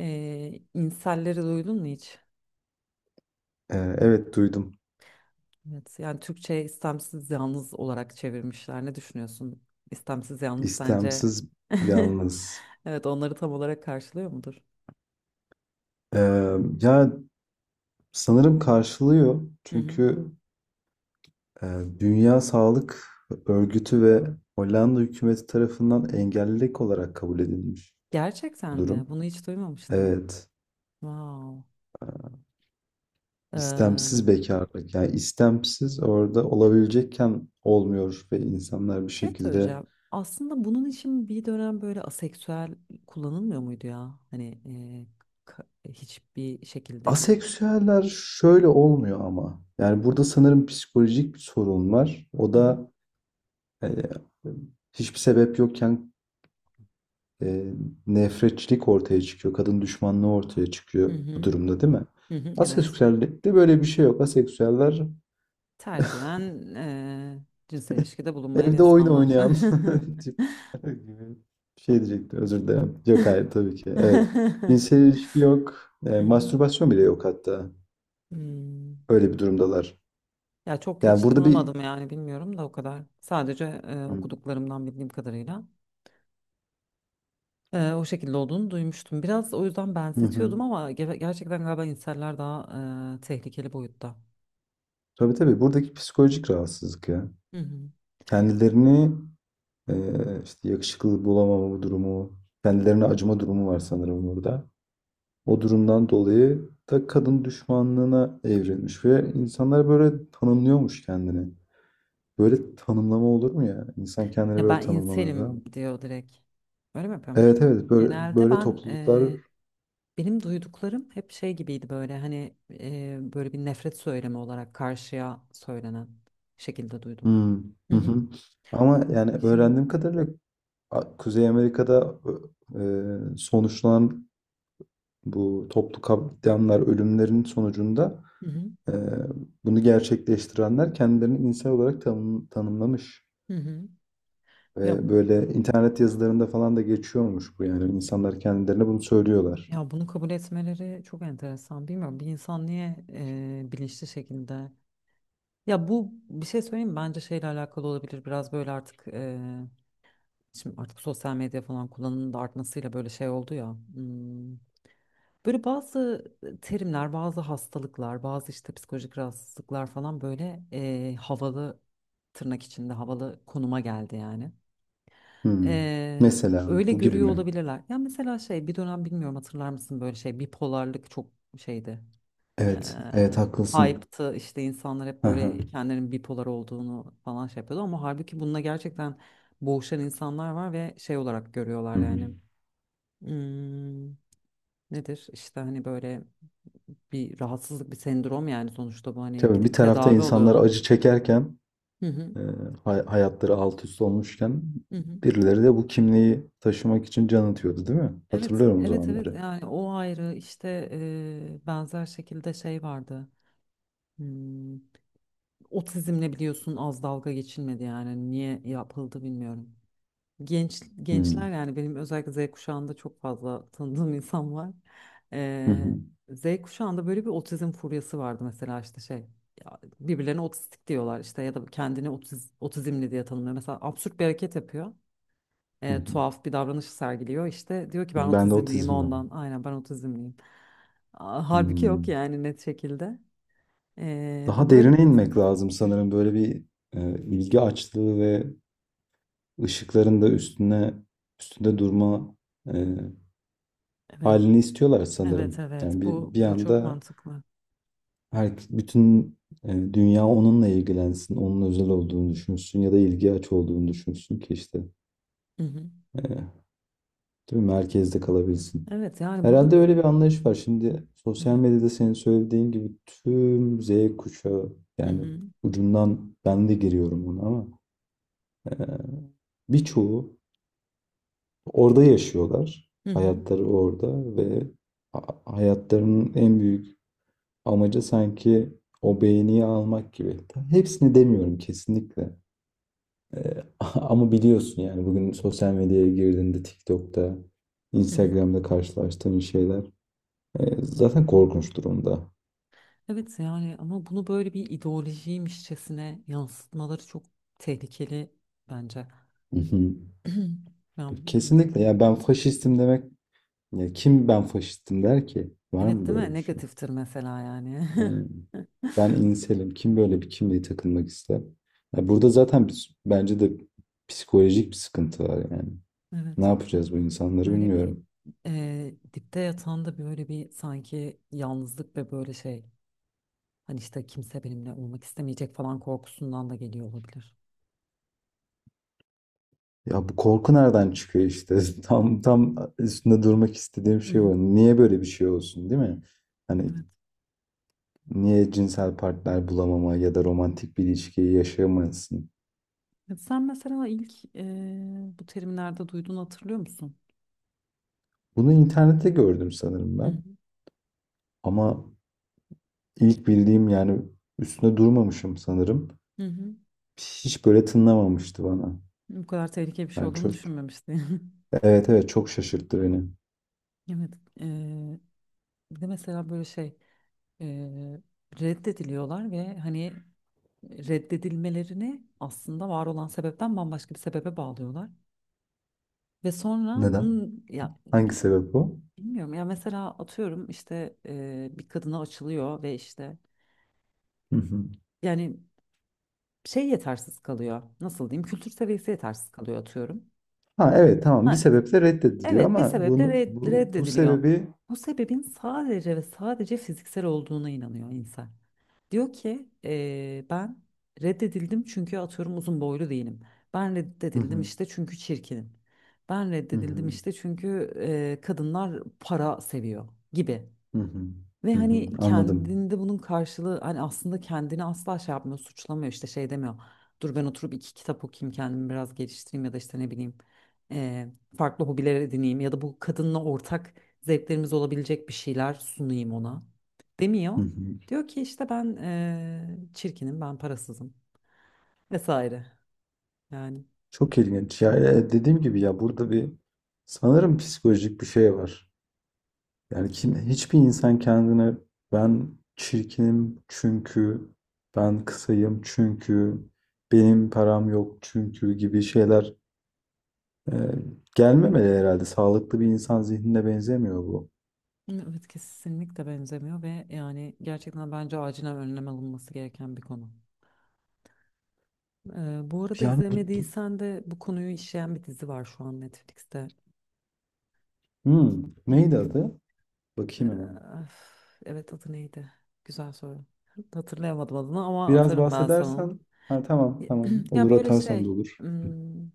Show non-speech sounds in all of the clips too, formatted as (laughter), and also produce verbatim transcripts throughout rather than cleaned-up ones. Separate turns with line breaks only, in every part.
Ee, inselleri duydun mu hiç?
Eee, evet duydum.
Evet, yani Türkçe istemsiz yalnız olarak çevirmişler. Ne düşünüyorsun? İstemsiz yalnız sence?
İstemsiz
(laughs)
yalnız.
Evet, onları tam olarak karşılıyor mudur?
Eee, ya sanırım karşılıyor.
Hı hı.
Çünkü eee, Dünya Sağlık Örgütü ve Hollanda hükümeti tarafından engellilik olarak kabul edilmiş
Gerçekten
bu durum.
mi? Bunu hiç duymamıştım.
Evet.
Wow.
İstemsiz
Ee,
bekarlık. Yani istemsiz orada olabilecekken olmuyor ve insanlar
Bir
bir
şey
şekilde
söyleyeceğim. Aslında bunun için bir dönem böyle aseksüel kullanılmıyor muydu ya? Hani e, ka- hiçbir şekilde bir.
aseksüeller şöyle olmuyor ama. Yani burada sanırım psikolojik bir sorun var. O
Hı hı.
da yani hiçbir sebep yokken e, nefretçilik ortaya çıkıyor. Kadın düşmanlığı ortaya
Hı
çıkıyor bu
hı.
durumda, değil mi?
Hı hı. Evet.
Aseksüellikte böyle bir şey yok. Aseksüeller
Tercihen eee, cinsel ilişkide bulunmayan
evde oyun
insanlar.
oynayan
(laughs)
(laughs) tip gibi bir şey diyecektim. Özür dilerim. Yok, hayır tabii ki. Evet.
Hı
Cinsel ilişki yok. E,
hı.
mastürbasyon bile yok hatta.
Hmm.
Öyle bir durumdalar.
Ya çok
Yani
hiç
burada bir...
tanımadım, yani bilmiyorum da o kadar. Sadece e,
Hı
okuduklarımdan bildiğim kadarıyla e, o şekilde olduğunu duymuştum. Biraz o yüzden
hı.
benzetiyordum ama ge- gerçekten galiba inseller daha e, tehlikeli boyutta.
Tabii, tabii. Buradaki psikolojik rahatsızlık ya.
Hı hı.
Kendilerini Ee, işte yakışıklı bulamama durumu, kendilerine acıma durumu var sanırım burada. O durumdan dolayı da kadın düşmanlığına evrilmiş ve insanlar böyle tanımlıyormuş kendini. Böyle tanımlama olur mu ya? İnsan kendini
Ya
böyle
ben
tanımlamaya ben.
inselim diyor direkt. Öyle mi yapıyormuş?
Evet, evet, böyle
Genelde
böyle
ben
topluluklar.
Benim duyduklarım hep şey gibiydi, böyle hani e, böyle bir nefret söylemi olarak karşıya söylenen şekilde duydum.
Hmm,
Hı
hı
hı.
hı. Ama yani
Kesinlikle.
öğrendiğim kadarıyla A- Kuzey Amerika'da e, sonuçlanan bu toplu katliamlar ölümlerin sonucunda,
Hı hı.
Ee, Bunu gerçekleştirenler kendilerini insan olarak tanım- tanımlamış.
Hı hı. Ya
Ve böyle internet yazılarında falan da geçiyormuş bu, yani. İnsanlar kendilerine bunu söylüyorlar.
ya bunu kabul etmeleri çok enteresan. Bilmiyorum bir insan niye e, bilinçli şekilde. Ya bu, bir şey söyleyeyim mi? Bence şeyle alakalı olabilir. Biraz böyle artık e, şimdi artık sosyal medya falan kullanımının da artmasıyla böyle şey oldu ya. hmm, Böyle bazı e, terimler, bazı hastalıklar, bazı işte psikolojik rahatsızlıklar falan böyle eee, havalı, tırnak içinde havalı konuma geldi yani.
Hmm.
Eee,
Mesela
öyle
bu gibi
görüyor
mi?
olabilirler. Ya mesela şey, bir dönem bilmiyorum hatırlar mısın, böyle şey bipolarlık çok şeydi. Eee
Evet, evet, haklısın.
Hype'tı işte, insanlar hep böyle
Aha.
kendilerinin bipolar olduğunu falan şey yapıyordu, ama halbuki bununla gerçekten boğuşan insanlar var ve şey olarak
Hı
görüyorlar
hı.
yani. Hmm, nedir işte hani böyle bir rahatsızlık, bir sendrom, yani sonuçta bu hani
Tabii, bir
gidip
tarafta
tedavi
insanlar
oluyorlar.
acı çekerken,
Hı hı,
e, hay- hayatları alt üst olmuşken
hı hı.
birileri de bu kimliği taşımak için can atıyordu, değil mi?
Evet,
Hatırlıyorum o
evet, evet.
zamanları.
Yani o ayrı işte e, benzer şekilde şey vardı. Hmm, Otizmle biliyorsun az dalga geçilmedi yani, niye yapıldı bilmiyorum. Genç gençler
Hmm.
yani, benim özellikle Z kuşağında çok fazla (laughs) tanıdığım insan var.
Hı
Ee,
hı.
Z kuşağında böyle bir otizm furyası vardı mesela, işte şey ya birbirlerine otistik diyorlar, işte ya da kendini otiz, otizmli diye tanımlıyor. Mesela absürt bir hareket yapıyor.
Hı hı.
Ee, tuhaf bir davranış sergiliyor işte, diyor ki ben
Ben de
otizmliyim
otizm
ondan, aynen ben otizmliyim. Aa, halbuki
var.
yok yani, net şekilde. Ee, bu
Daha
böyle
derine
biraz.
inmek lazım sanırım. Böyle bir e, ilgi açlığı ve ışıkların da üstüne üstünde durma e,
Evet,
halini istiyorlar
evet,
sanırım.
evet.
Yani bir
Bu
bir
bu çok
anda
mantıklı.
her bütün e, dünya onunla ilgilensin, onun özel olduğunu düşünsün ya da ilgi aç olduğunu düşünsün ki işte,
Hı hı.
e, değil mi? Merkezde kalabilsin.
Evet yani burada.
Herhalde öyle bir anlayış var. Şimdi sosyal
Evet.
medyada senin söylediğin gibi tüm Z kuşağı,
Hı
yani
hı.
ucundan ben de giriyorum ona, ama Ee, birçoğu orada yaşıyorlar.
Hı hı,
Hayatları orada ve ha- hayatlarının en büyük amacı sanki o beğeniyi almak gibi. Tabii hepsini demiyorum kesinlikle. Ee, (laughs) Ama biliyorsun, yani bugün sosyal medyaya girdiğinde TikTok'ta,
hı hı.
Instagram'da karşılaştığın şeyler e, zaten korkunç durumda.
Evet yani, ama bunu böyle bir ideolojiymişçesine yansıtmaları çok tehlikeli bence.
Hı hı.
(clears throat) Ya
Kesinlikle ya,
bilmiyorum.
ben faşistim demek, ya kim ben faşistim der ki? Var
Evet
mı
değil
böyle
mi?
bir şey?
Negatiftir mesela yani.
Aynen.
(laughs)
Ben inselim. Kim böyle bir kimliğe takılmak ister? Ya burada zaten biz- bence de psikolojik bir sıkıntı var yani. Ne
Evet.
yapacağız bu insanları
Böyle bir
bilmiyorum.
eee, dipte yatan da böyle bir sanki yalnızlık ve böyle şey, hani işte kimse benimle olmak istemeyecek falan korkusundan da geliyor olabilir.
Ya bu korku nereden çıkıyor işte? (laughs) Tam tam üstünde durmak istediğim
Hı
şey
hı.
o. Niye böyle bir şey olsun, değil mi? Hani
Evet.
niye cinsel partner bulamama ya da romantik bir ilişkiyi yaşayamasın?
Evet, sen mesela ilk eee, bu terimlerde duyduğunu hatırlıyor musun?
Bunu internette gördüm sanırım
Hı
ben.
hı.
Ama ilk bildiğim yani üstüne durmamışım sanırım.
Hı hı.
Hiç böyle tınlamamıştı bana.
Bu kadar tehlikeli bir şey
Yani
olduğunu
çok,
düşünmemiştim.
evet, evet, çok şaşırttı beni.
(laughs) Evet. eee, Bir de mesela böyle şey, eee, reddediliyorlar ve hani reddedilmelerini aslında var olan sebepten bambaşka bir sebebe bağlıyorlar. Ve sonra
Neden?
bunun ya
Hangi sebep o?
bilmiyorum, ya mesela atıyorum işte eee, bir kadına açılıyor ve işte,
Hı hı.
yani şey yetersiz kalıyor. Nasıl diyeyim? Kültür seviyesi yetersiz kalıyor atıyorum.
Ha, evet, tamam, bir
Ha,
sebeple reddediliyor
evet, bir
ama
sebeple
bunu
red-
bu bu
reddediliyor.
sebebi...
Bu sebebin sadece ve sadece fiziksel olduğuna inanıyor insan. Diyor ki, "Ee, ben reddedildim çünkü atıyorum uzun boylu değilim. Ben
Hı
reddedildim
hı,
işte çünkü çirkinim. Ben
hı
reddedildim
hı,
işte çünkü ee, kadınlar para seviyor gibi."
hı hı,
Ve
hı hı,
hani
anladım.
kendinde bunun karşılığı, hani aslında kendini asla şey yapmıyor, suçlamıyor, işte şey demiyor. Dur ben oturup iki kitap okuyayım, kendimi biraz geliştireyim, ya da işte ne bileyim eee, farklı hobiler edineyim, ya da bu kadınla ortak zevklerimiz olabilecek bir şeyler sunayım ona
Hı
demiyor.
hı.
Diyor ki işte ben eee, çirkinim, ben parasızım, vesaire yani.
Çok ilginç. Ya, e, dediğim gibi, ya burada bir sanırım psikolojik bir şey var. Yani kim, hiçbir insan kendine ben çirkinim çünkü, ben kısayım çünkü, benim param yok çünkü gibi şeyler Ee, gelmemeli herhalde. Sağlıklı bir insan zihnine benzemiyor bu.
Evet kesinlikle benzemiyor, ve yani gerçekten bence acilen önlem alınması gereken bir konu. Ee, bu arada
Yani bu, bu-
izlemediysen de, bu konuyu işleyen bir dizi var şu an Netflix'te.
hmm,
Hı hı.
neydi adı? Bakayım hemen.
Ee, evet, adı neydi? Güzel soru. (laughs) Hatırlayamadım adını ama
Biraz
atarım ben sana onu.
bahsedersen. Ha, tamam tamam.
(clears throat) Ya
Olur,
böyle
atarsan da
şey,
olur.
hmm,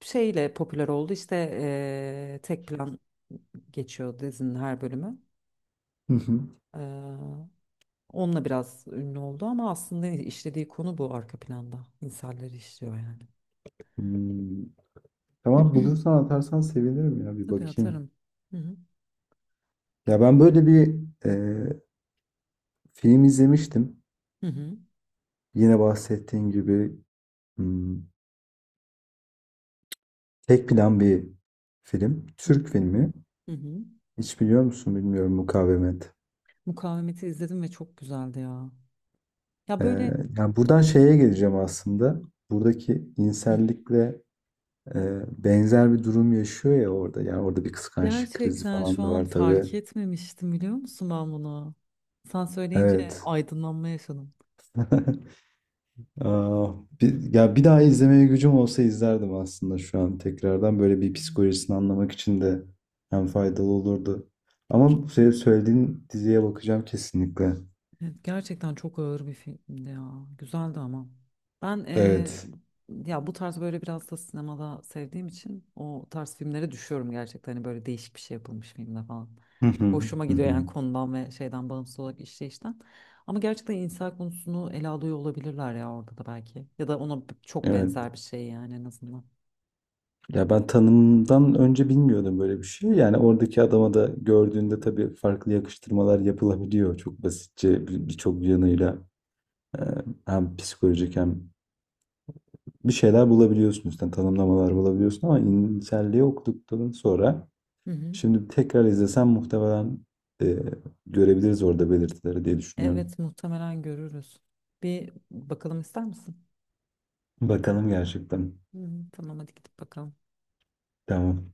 şeyle popüler oldu işte, ee, tek plan geçiyor dizinin her bölümü.
Hı hı.
Ee, Onunla biraz ünlü oldu, ama aslında işlediği konu bu, arka planda. İnsanları işliyor yani.
Hmm. Tamam, bulursan atarsan sevinirim ya, bir
Tabii
bakayım.
atarım. Hı hı.
Ya ben böyle bir e, film izlemiştim.
Hı hı.
Yine bahsettiğin gibi, hmm, tek plan bir film.
Hı hı.
Türk filmi.
Hı hı.
Hiç biliyor musun bilmiyorum, Mukavemet.
Mukavemeti izledim ve çok güzeldi ya. Ya
Ee,
böyle.
yani buradan şeye geleceğim aslında. Buradaki
Hı.
insellikle e, benzer bir durum yaşıyor ya orada. Yani orada bir kıskançlık krizi
Gerçekten şu
falan da
an
var tabii.
fark etmemiştim, biliyor musun ben bunu? Sen söyleyince
Evet.
aydınlanma yaşadım.
(laughs) Aa, bir, ya bir daha izlemeye gücüm olsa izlerdim aslında şu an tekrardan. Böyle bir psikolojisini anlamak için de hem faydalı olurdu. Ama senin söylediğin diziye bakacağım kesinlikle.
Evet, gerçekten çok ağır bir filmdi ya. Güzeldi ama. Ben eee,
Evet.
ya bu tarz böyle biraz da sinemada sevdiğim için o tarz filmlere düşüyorum gerçekten. Hani böyle değişik bir şey yapılmış filmde falan.
Hı hı,
Hoşuma
hı
gidiyor
hı.
yani, konudan ve şeyden bağımsız olarak işleyişten. Ama gerçekten insan konusunu ele alıyor olabilirler ya orada da belki. Ya da ona b- çok
Evet.
benzer bir şey yani, en azından.
Ya ben tanımdan önce bilmiyordum böyle bir şey. Yani oradaki adama da gördüğünde tabii farklı yakıştırmalar yapılabiliyor. Çok basitçe bir- birçok yanıyla e, hem psikolojik hem bir şeyler bulabiliyorsun, üstten tanımlamalar bulabiliyorsun ama inselliği okuduktan sonra
Hı hı.
şimdi tekrar izlesem muhtemelen e, görebiliriz orada belirtileri diye düşünüyorum.
Evet muhtemelen görürüz. Bir bakalım ister misin?
Bakalım gerçekten.
Hı hı. Tamam, hadi gidip bakalım.
Tamam.